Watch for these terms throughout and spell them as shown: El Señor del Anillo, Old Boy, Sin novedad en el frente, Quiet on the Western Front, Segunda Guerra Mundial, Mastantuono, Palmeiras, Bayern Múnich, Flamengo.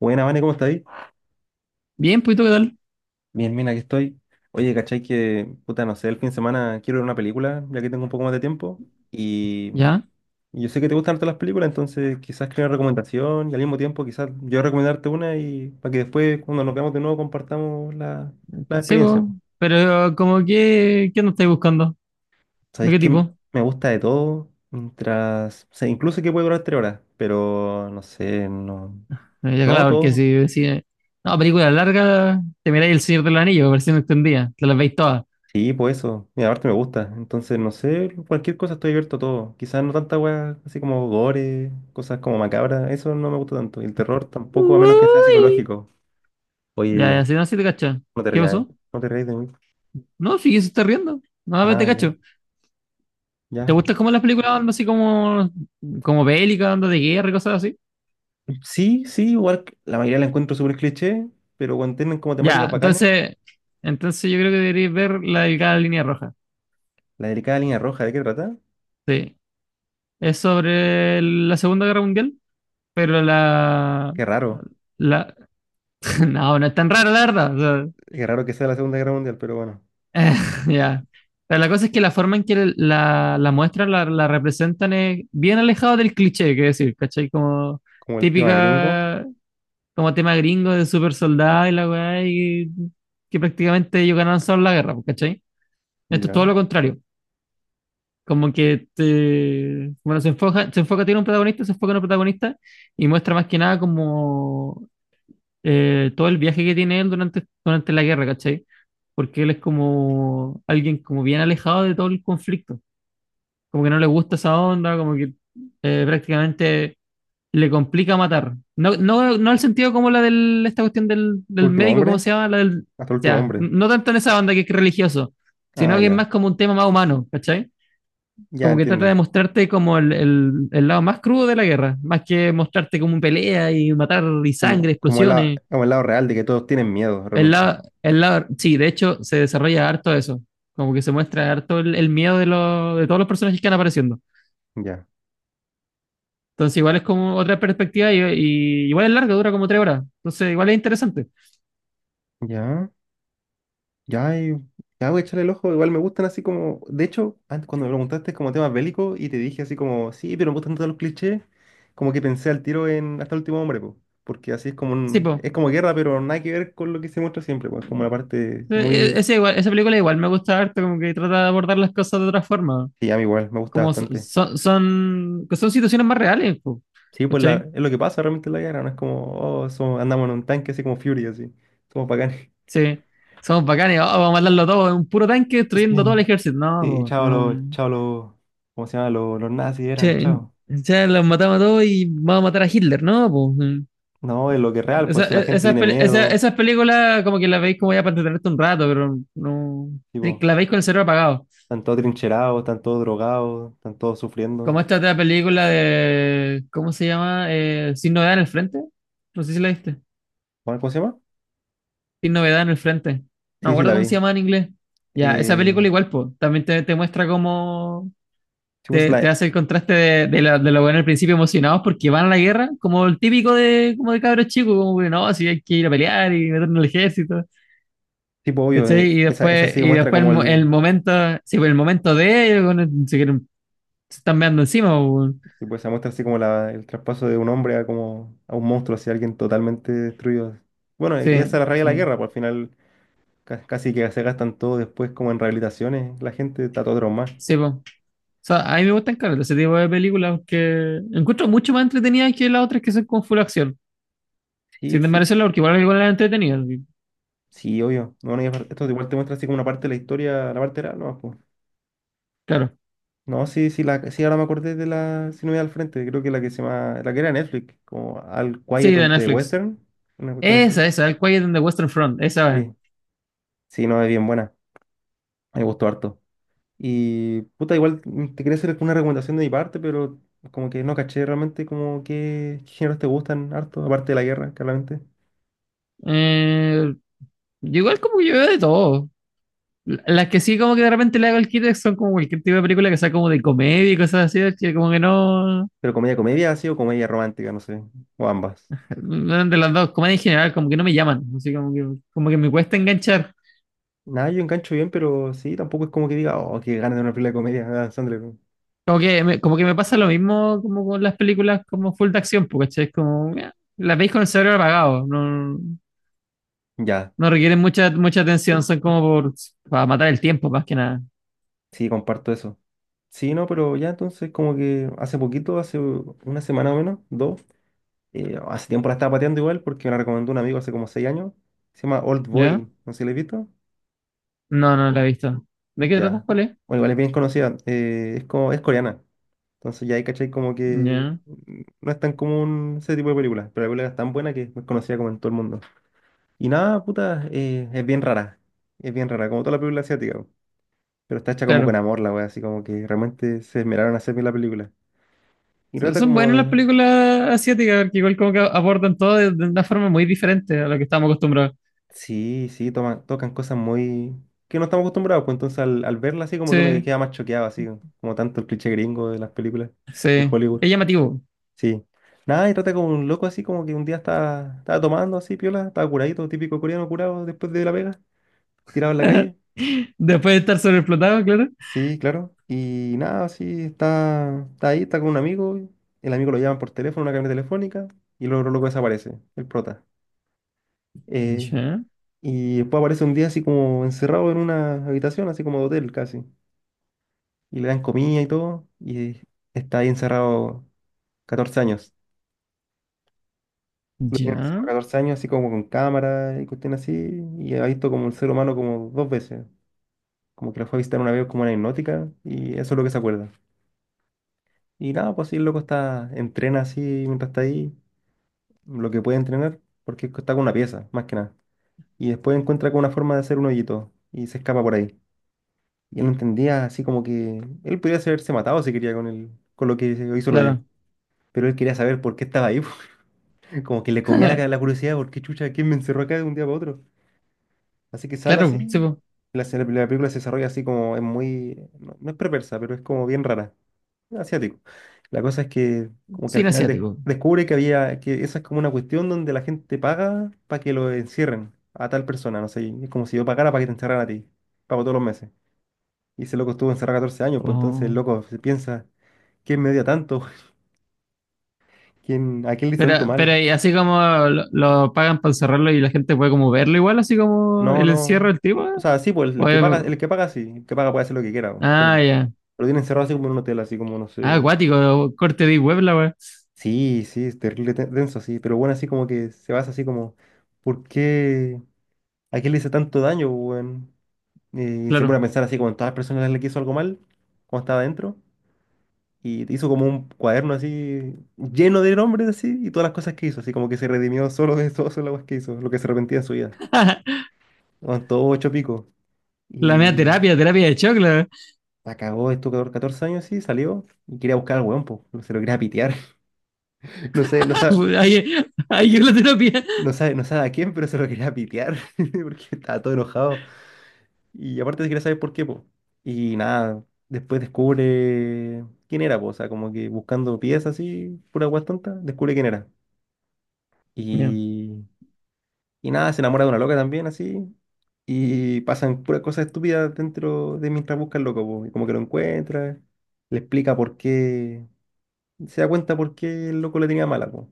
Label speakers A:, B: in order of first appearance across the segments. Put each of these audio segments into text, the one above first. A: Buena, Vane, ¿cómo estáis?
B: Bien, pues, ¿y tú qué tal?
A: Bien, bien, aquí estoy. Oye, ¿cachai que, puta, no sé, el fin de semana quiero ver una película, ya que tengo un poco más de tiempo? Y
B: Ya.
A: y yo sé que te gustan harto las películas, entonces quizás creo una recomendación y al mismo tiempo quizás yo recomendarte una y para que después, cuando nos veamos de nuevo, compartamos la
B: Sí, pues.
A: experiencia, po.
B: Pero, como que, ¿qué no estáis buscando? ¿De
A: Sabéis
B: qué
A: que
B: tipo?
A: me gusta de todo, mientras, o sea, incluso que puede durar 3 horas, pero no sé, no,
B: Ya,
A: no,
B: claro, porque
A: todo.
B: si no, película larga, te miráis El Señor del Anillo, versión extendida, te las veis todas.
A: Sí, pues eso. Mira, aparte me gusta. Entonces, no sé, cualquier cosa estoy abierto a todo. Quizás no tanta weá, así como gore, cosas como macabras. Eso no me gusta tanto. Y el terror tampoco, a menos que sea
B: Uy.
A: psicológico.
B: Ya,
A: Oye,
B: ya, si no, si te cachas.
A: no te
B: ¿Qué
A: rías.
B: pasó?
A: No te rías de mí.
B: No, sí, se está riendo. No, pero te
A: Ah, ya,
B: cacho. ¿Te
A: ya.
B: gustan como las películas onda así como, como bélicas, onda de guerra y cosas así?
A: Sí, sí, igual la mayoría la encuentro súper cliché, pero cuando tienen como
B: Ya,
A: temáticas bacanes,
B: entonces yo creo que deberíais ver la delgada línea roja.
A: la delicada línea roja, ¿de qué trata?
B: Sí. Es sobre la Segunda Guerra Mundial. Pero
A: Qué raro.
B: la, no, no es tan raro, la verdad. O
A: Qué raro que sea la Segunda Guerra Mundial, pero bueno.
B: sea, ya. Pero la cosa es que la forma en que la muestra la representan es bien alejado del cliché, que decir, ¿cachai? Como
A: Como el tema gringo,
B: típica, como tema gringo de super soldado y la weá, y que prácticamente ellos ganaron solo la guerra, pues, ¿cachai? Esto es todo
A: ya.
B: lo contrario. Como que te, bueno, se enfoca en un protagonista y muestra más que nada como todo el viaje que tiene él durante la guerra, ¿cachai? Porque él es como alguien como bien alejado de todo el conflicto, como que no le gusta esa onda, como que prácticamente le complica matar. No, no, no el sentido como la de esta cuestión del
A: Último
B: médico, ¿cómo
A: hombre,
B: se llama? La del,
A: hasta el último
B: ya,
A: hombre.
B: no tanto en esa onda que es religioso,
A: Ah,
B: sino que es más
A: ya,
B: como un tema más humano, ¿cachai?
A: ya
B: Como que trata de
A: entiendo.
B: mostrarte como el lado más crudo de la guerra, más que mostrarte como un pelea y matar y sangre,
A: Como el,
B: explosiones.
A: como el lado real de que todos tienen miedo realmente.
B: Sí, de hecho se desarrolla harto eso, como que se muestra harto el miedo de, los de todos los personajes que van apareciendo.
A: Ya,
B: Entonces igual es como otra perspectiva y igual es larga, dura como tres horas. Entonces igual es interesante.
A: ya, ya, ya voy a echarle el ojo. Igual me gustan así como. De hecho, antes cuando me preguntaste como temas bélicos y te dije así como, sí, pero me gustan todos los clichés, como que pensé al tiro en Hasta el último hombre, po. Porque así es como
B: Sí, pues.
A: es como guerra, pero nada que ver con lo que se muestra siempre, pues. Como la parte muy.
B: Esa película igual me gusta harto, como que trata de abordar las cosas de otra forma.
A: Sí, a mí igual, me gusta
B: Como
A: bastante.
B: que son situaciones más reales, po,
A: Sí, pues la,
B: ¿cachai?
A: es lo que pasa realmente en la guerra, no es como, oh, andamos en un tanque así como Fury, así. Somos bacanes.
B: Sí. Somos bacanes, oh, vamos a matarlo todo, un puro tanque
A: Sí.
B: destruyendo todo el ejército. No,
A: Sí,
B: po, no.
A: chao los, ¿cómo se llama? Los nazis era,
B: Che,
A: chao.
B: ya los matamos a todos y vamos a matar a Hitler, ¿no?
A: No, es lo que es
B: Pues,
A: real, pues si la gente tiene miedos,
B: esas películas como que las veis como ya para entretenerte un rato, pero no...
A: tipo,
B: Las veis con el cerebro apagado.
A: están todos trincherados, están todos drogados, están todos sufriendo.
B: Como esta otra película de... ¿Cómo se llama? Sin novedad en el frente. No sé si la viste.
A: ¿Cómo se llama?
B: Sin novedad en el frente. No me
A: Sí, sí,
B: acuerdo
A: la
B: cómo
A: vi.
B: se llama en inglés. Ya, esa
A: Eh,
B: película igual, pues, también te muestra cómo,
A: sí, pues,
B: te
A: la,
B: hace el contraste de lo bueno al principio emocionados porque van a la guerra, como el típico de, como de cabros chicos, como que no, si hay que ir a pelear y meternos al ejército,
A: tipo, obvio,
B: ¿cachai?
A: esa, sí
B: Y
A: muestra
B: después
A: como el,
B: el momento, sí, pues el momento de ellos, bueno, se, quieren- se están meando encima, pues, bueno.
A: sí, pues, se muestra así como la, el traspaso de un hombre a como, a un monstruo, así, alguien totalmente destruido. Bueno, y
B: Sí,
A: esa es la raya de la
B: sí,
A: guerra, pues al final casi que se gastan todo después como en rehabilitaciones, la gente está todo traumada.
B: sí, pues. O sea, a mí me gustan claro, ese tipo de películas que encuentro mucho más entretenidas que las otras que son con full acción.
A: Sí,
B: Sin
A: sí.
B: desmerecerla, porque igual algunas las entretenidas, y-
A: Sí, obvio. No, no, y esto igual te muestra así como una parte de la historia, la parte era, no, pues.
B: claro.
A: No, sí, sí, la, sí, ahora me acordé de la, si no voy al frente, creo que la que se llama, la que era Netflix, como Al
B: Sí,
A: Quiet
B: de
A: on the
B: Netflix.
A: Western, una cuestión así.
B: El Quiet on the Western Front, esa,
A: Sí, sí, no, es bien buena, me gustó harto. Y, puta, igual te quería hacer una recomendación de mi parte, pero como que no caché realmente como qué géneros te gustan harto, aparte de la guerra, claramente.
B: Eh, yo igual como que yo veo de todo. L- las que sí como que de repente le hago el kit son como cualquier tipo de película que sea como de comedia y cosas así, que como que no...
A: Pero comedia, comedia, así o comedia romántica, no sé, o ambas.
B: No, de las dos, comedia en general, como que no me llaman. Así como que me cuesta enganchar.
A: Nada, yo engancho bien, pero sí, tampoco es como que diga, oh, qué ganas de una película de comedia, Adam Sandler.
B: Como que me pasa lo mismo como con las películas como full de acción, porque es como... las veis con el cerebro apagado. No,
A: Ya,
B: no requieren mucha atención, son como por, para matar el tiempo más que nada.
A: sí, comparto eso. Sí, no, pero ya entonces como que hace poquito, hace una semana o menos, dos, hace tiempo la estaba pateando igual porque me la recomendó un amigo hace como 6 años, se llama Old
B: ¿Ya?
A: Boy, no sé si la he visto.
B: No, no la he visto. ¿De qué tratas,
A: Ya,
B: cuál es?
A: bueno, igual es bien conocida, es, como, es coreana, entonces ya ahí cachai como que
B: Ya,
A: no es tan común ese tipo de películas, pero la película es tan buena que es conocida como en todo el mundo. Y nada, puta, es bien rara. Es bien rara, como toda la película asiática, po. Pero está hecha como con
B: claro.
A: amor la wea, así como que realmente se esmeraron a hacer bien la película. Y
B: Son
A: trata
B: son buenas las
A: como.
B: películas asiáticas, porque igual como que abordan todo de una forma muy diferente a lo que estamos acostumbrados.
A: Sí, sí, toman, tocan cosas muy. Que no estamos acostumbrados, pues entonces al verla así como que uno que
B: Sí,
A: queda más choqueado, así como tanto el cliché gringo de las películas de
B: sí.
A: Hollywood.
B: Es llamativo.
A: Sí. Nada, y trata como un loco así como que un día estaba tomando así, piola, estaba curadito, típico coreano curado después de la pega, tirado en la calle.
B: Después de estar sobreexplotado, claro.
A: Sí, claro. Y nada, sí, está, está ahí, está con un amigo. El amigo lo llama por teléfono, una cabina telefónica, y luego loco desaparece, el prota. Eh,
B: Ya,
A: y después aparece un día así como encerrado en una habitación, así como de hotel casi. Y le dan comida y todo, y está ahí encerrado 14 años. Lo tienen
B: ya.
A: encerrado 14 años, así como con cámara y cuestiones así, y ha visto como el ser humano como 2 veces. Como que lo fue a visitar una vez como una hipnótica, y eso es lo que se acuerda. Y nada, pues sí, el loco está, entrena así mientras está ahí, lo que puede entrenar, porque está con una pieza, más que nada. Y después encuentra con una forma de hacer un hoyito y se escapa por ahí. Y él no entendía así como que él podía haberse matado si quería con el, con lo que hizo el hoyo.
B: Claro.
A: Pero él quería saber por qué estaba ahí, po. Como que le comía la curiosidad, por qué chucha, quién me encerró acá de un día para otro. Así que sale
B: Claro, sí,
A: así,
B: po.
A: la película se desarrolla así como es muy, no, no es perversa, pero es como bien rara. Asiático. La cosa es que como que al
B: Cine
A: final
B: asiático.
A: descubre que había, que esa es como una cuestión donde la gente paga para que lo encierren a tal persona, no sé, y es como si yo pagara para que te encerraran a ti, pago todos los meses. Y ese loco estuvo encerrado 14 años, pues entonces el
B: Oh.
A: loco se piensa, ¿quién me odia tanto? ¿Quién, a quién le hice tanto
B: Pero
A: mal?
B: y así como lo pagan para encerrarlo y la gente puede como verlo igual, así como
A: No,
B: el encierro
A: no.
B: del tipo.
A: O sea, sí, pues el
B: ¿O
A: que
B: es-
A: paga, el que paga sí, el que paga puede hacer lo que quiera po, con
B: ah,
A: él.
B: ya.
A: Lo tiene encerrado así como en un hotel, así como, no sé,
B: Ah, acuático, corte de web la wea.
A: Sí, sí, es terrible, denso, sí, pero bueno, así como que se basa así como, ¿por qué? ¿A qué le hice tanto daño, pues, weón? Y se pone a
B: Claro.
A: pensar así como en todas las personas a las que hizo algo mal, cuando estaba adentro, y hizo como un cuaderno así lleno de nombres así y todas las cosas que hizo, así como que se redimió solo de todo solo las cosas que hizo, lo que se arrepentía de su vida. Aguantó ocho picos
B: La media
A: y
B: terapia, terapia de choc, la
A: la cagó, estuvo 14 años así, salió y quería buscar al weón, po, se lo quería pitear. No sé, no sabe,
B: ahí, ahí llegó la terapia.
A: no sabe, no sabe a quién, pero se lo quería pitear porque estaba todo enojado. Y aparte se quería saber por qué, po. Y nada, después descubre quién era, po. O sea, como que buscando piezas así, pura guas tonta, descubre quién era.
B: Ya,
A: Y, y nada, se enamora de una loca también, así. Y pasan puras cosas estúpidas dentro de mientras busca el loco, po. Y como que lo encuentra, le explica por qué, se da cuenta por qué el loco le tenía mala, po.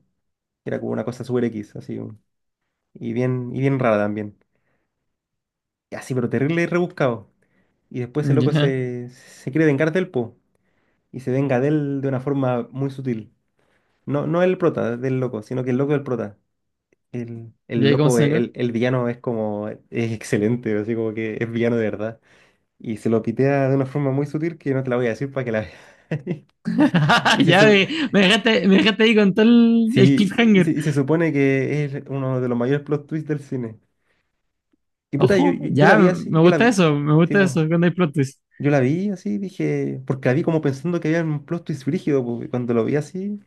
A: Era como una cosa super X, así. Y bien rara también. Y así, pero terrible y rebuscado. Y después el loco
B: ya,
A: se quiere vengar del po y se venga de él de una forma muy sutil. No, no el prota del loco, sino que el loco del prota. El,
B: ya, ¿Cómo
A: loco,
B: se venga?
A: el villano es como, es excelente, así como que es villano de verdad. Y se lo pitea de una forma muy sutil que no te la voy a decir para que la veas. Y se,
B: Ya,
A: su-
B: me dejaste ahí con todo el
A: sí, y se,
B: cliffhanger.
A: y se supone que es uno de los mayores plot twists del cine. Y puta, yo,
B: Ojo,
A: yo, yo la
B: ya,
A: vi así, yo la vi.
B: me
A: Sí,
B: gusta
A: pues.
B: eso cuando hay plot twist.
A: Yo la vi así, dije, porque la vi como pensando que había un plot twist brígido, pues, y cuando lo vi así,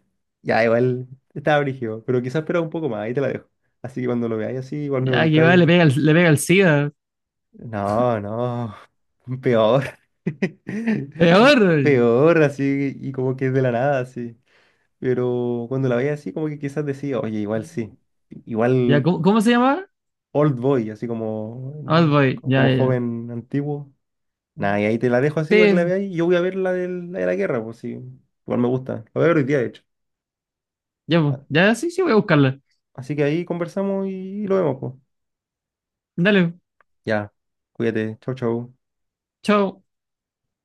A: ya igual estaba brígido, pero quizás esperaba un poco más, ahí te la dejo. Así que cuando lo veáis así, igual me
B: Ya, que va, le
A: contáis,
B: pega, le pega el SIDA.
A: no, no, peor,
B: Peor.
A: peor, así, y como que es de la nada, así. Pero cuando la veía así, como que quizás decía, oye, igual sí,
B: Ya,
A: igual
B: ¿cómo se llama?
A: Old Boy, así como,
B: Old Boy, ya,
A: como
B: ya, ya.
A: joven antiguo. Nada, y ahí te la dejo así para que la
B: Sí,
A: veáis. Yo voy a ver la la de la guerra, pues sí. Igual me gusta. La voy a ver hoy día, de hecho.
B: ya, pues,
A: Vale.
B: ya, sí, sí, voy a buscarla.
A: Así que ahí conversamos y lo vemos, pues.
B: Dale,
A: Ya. Cuídate. Chau, chau.
B: chao.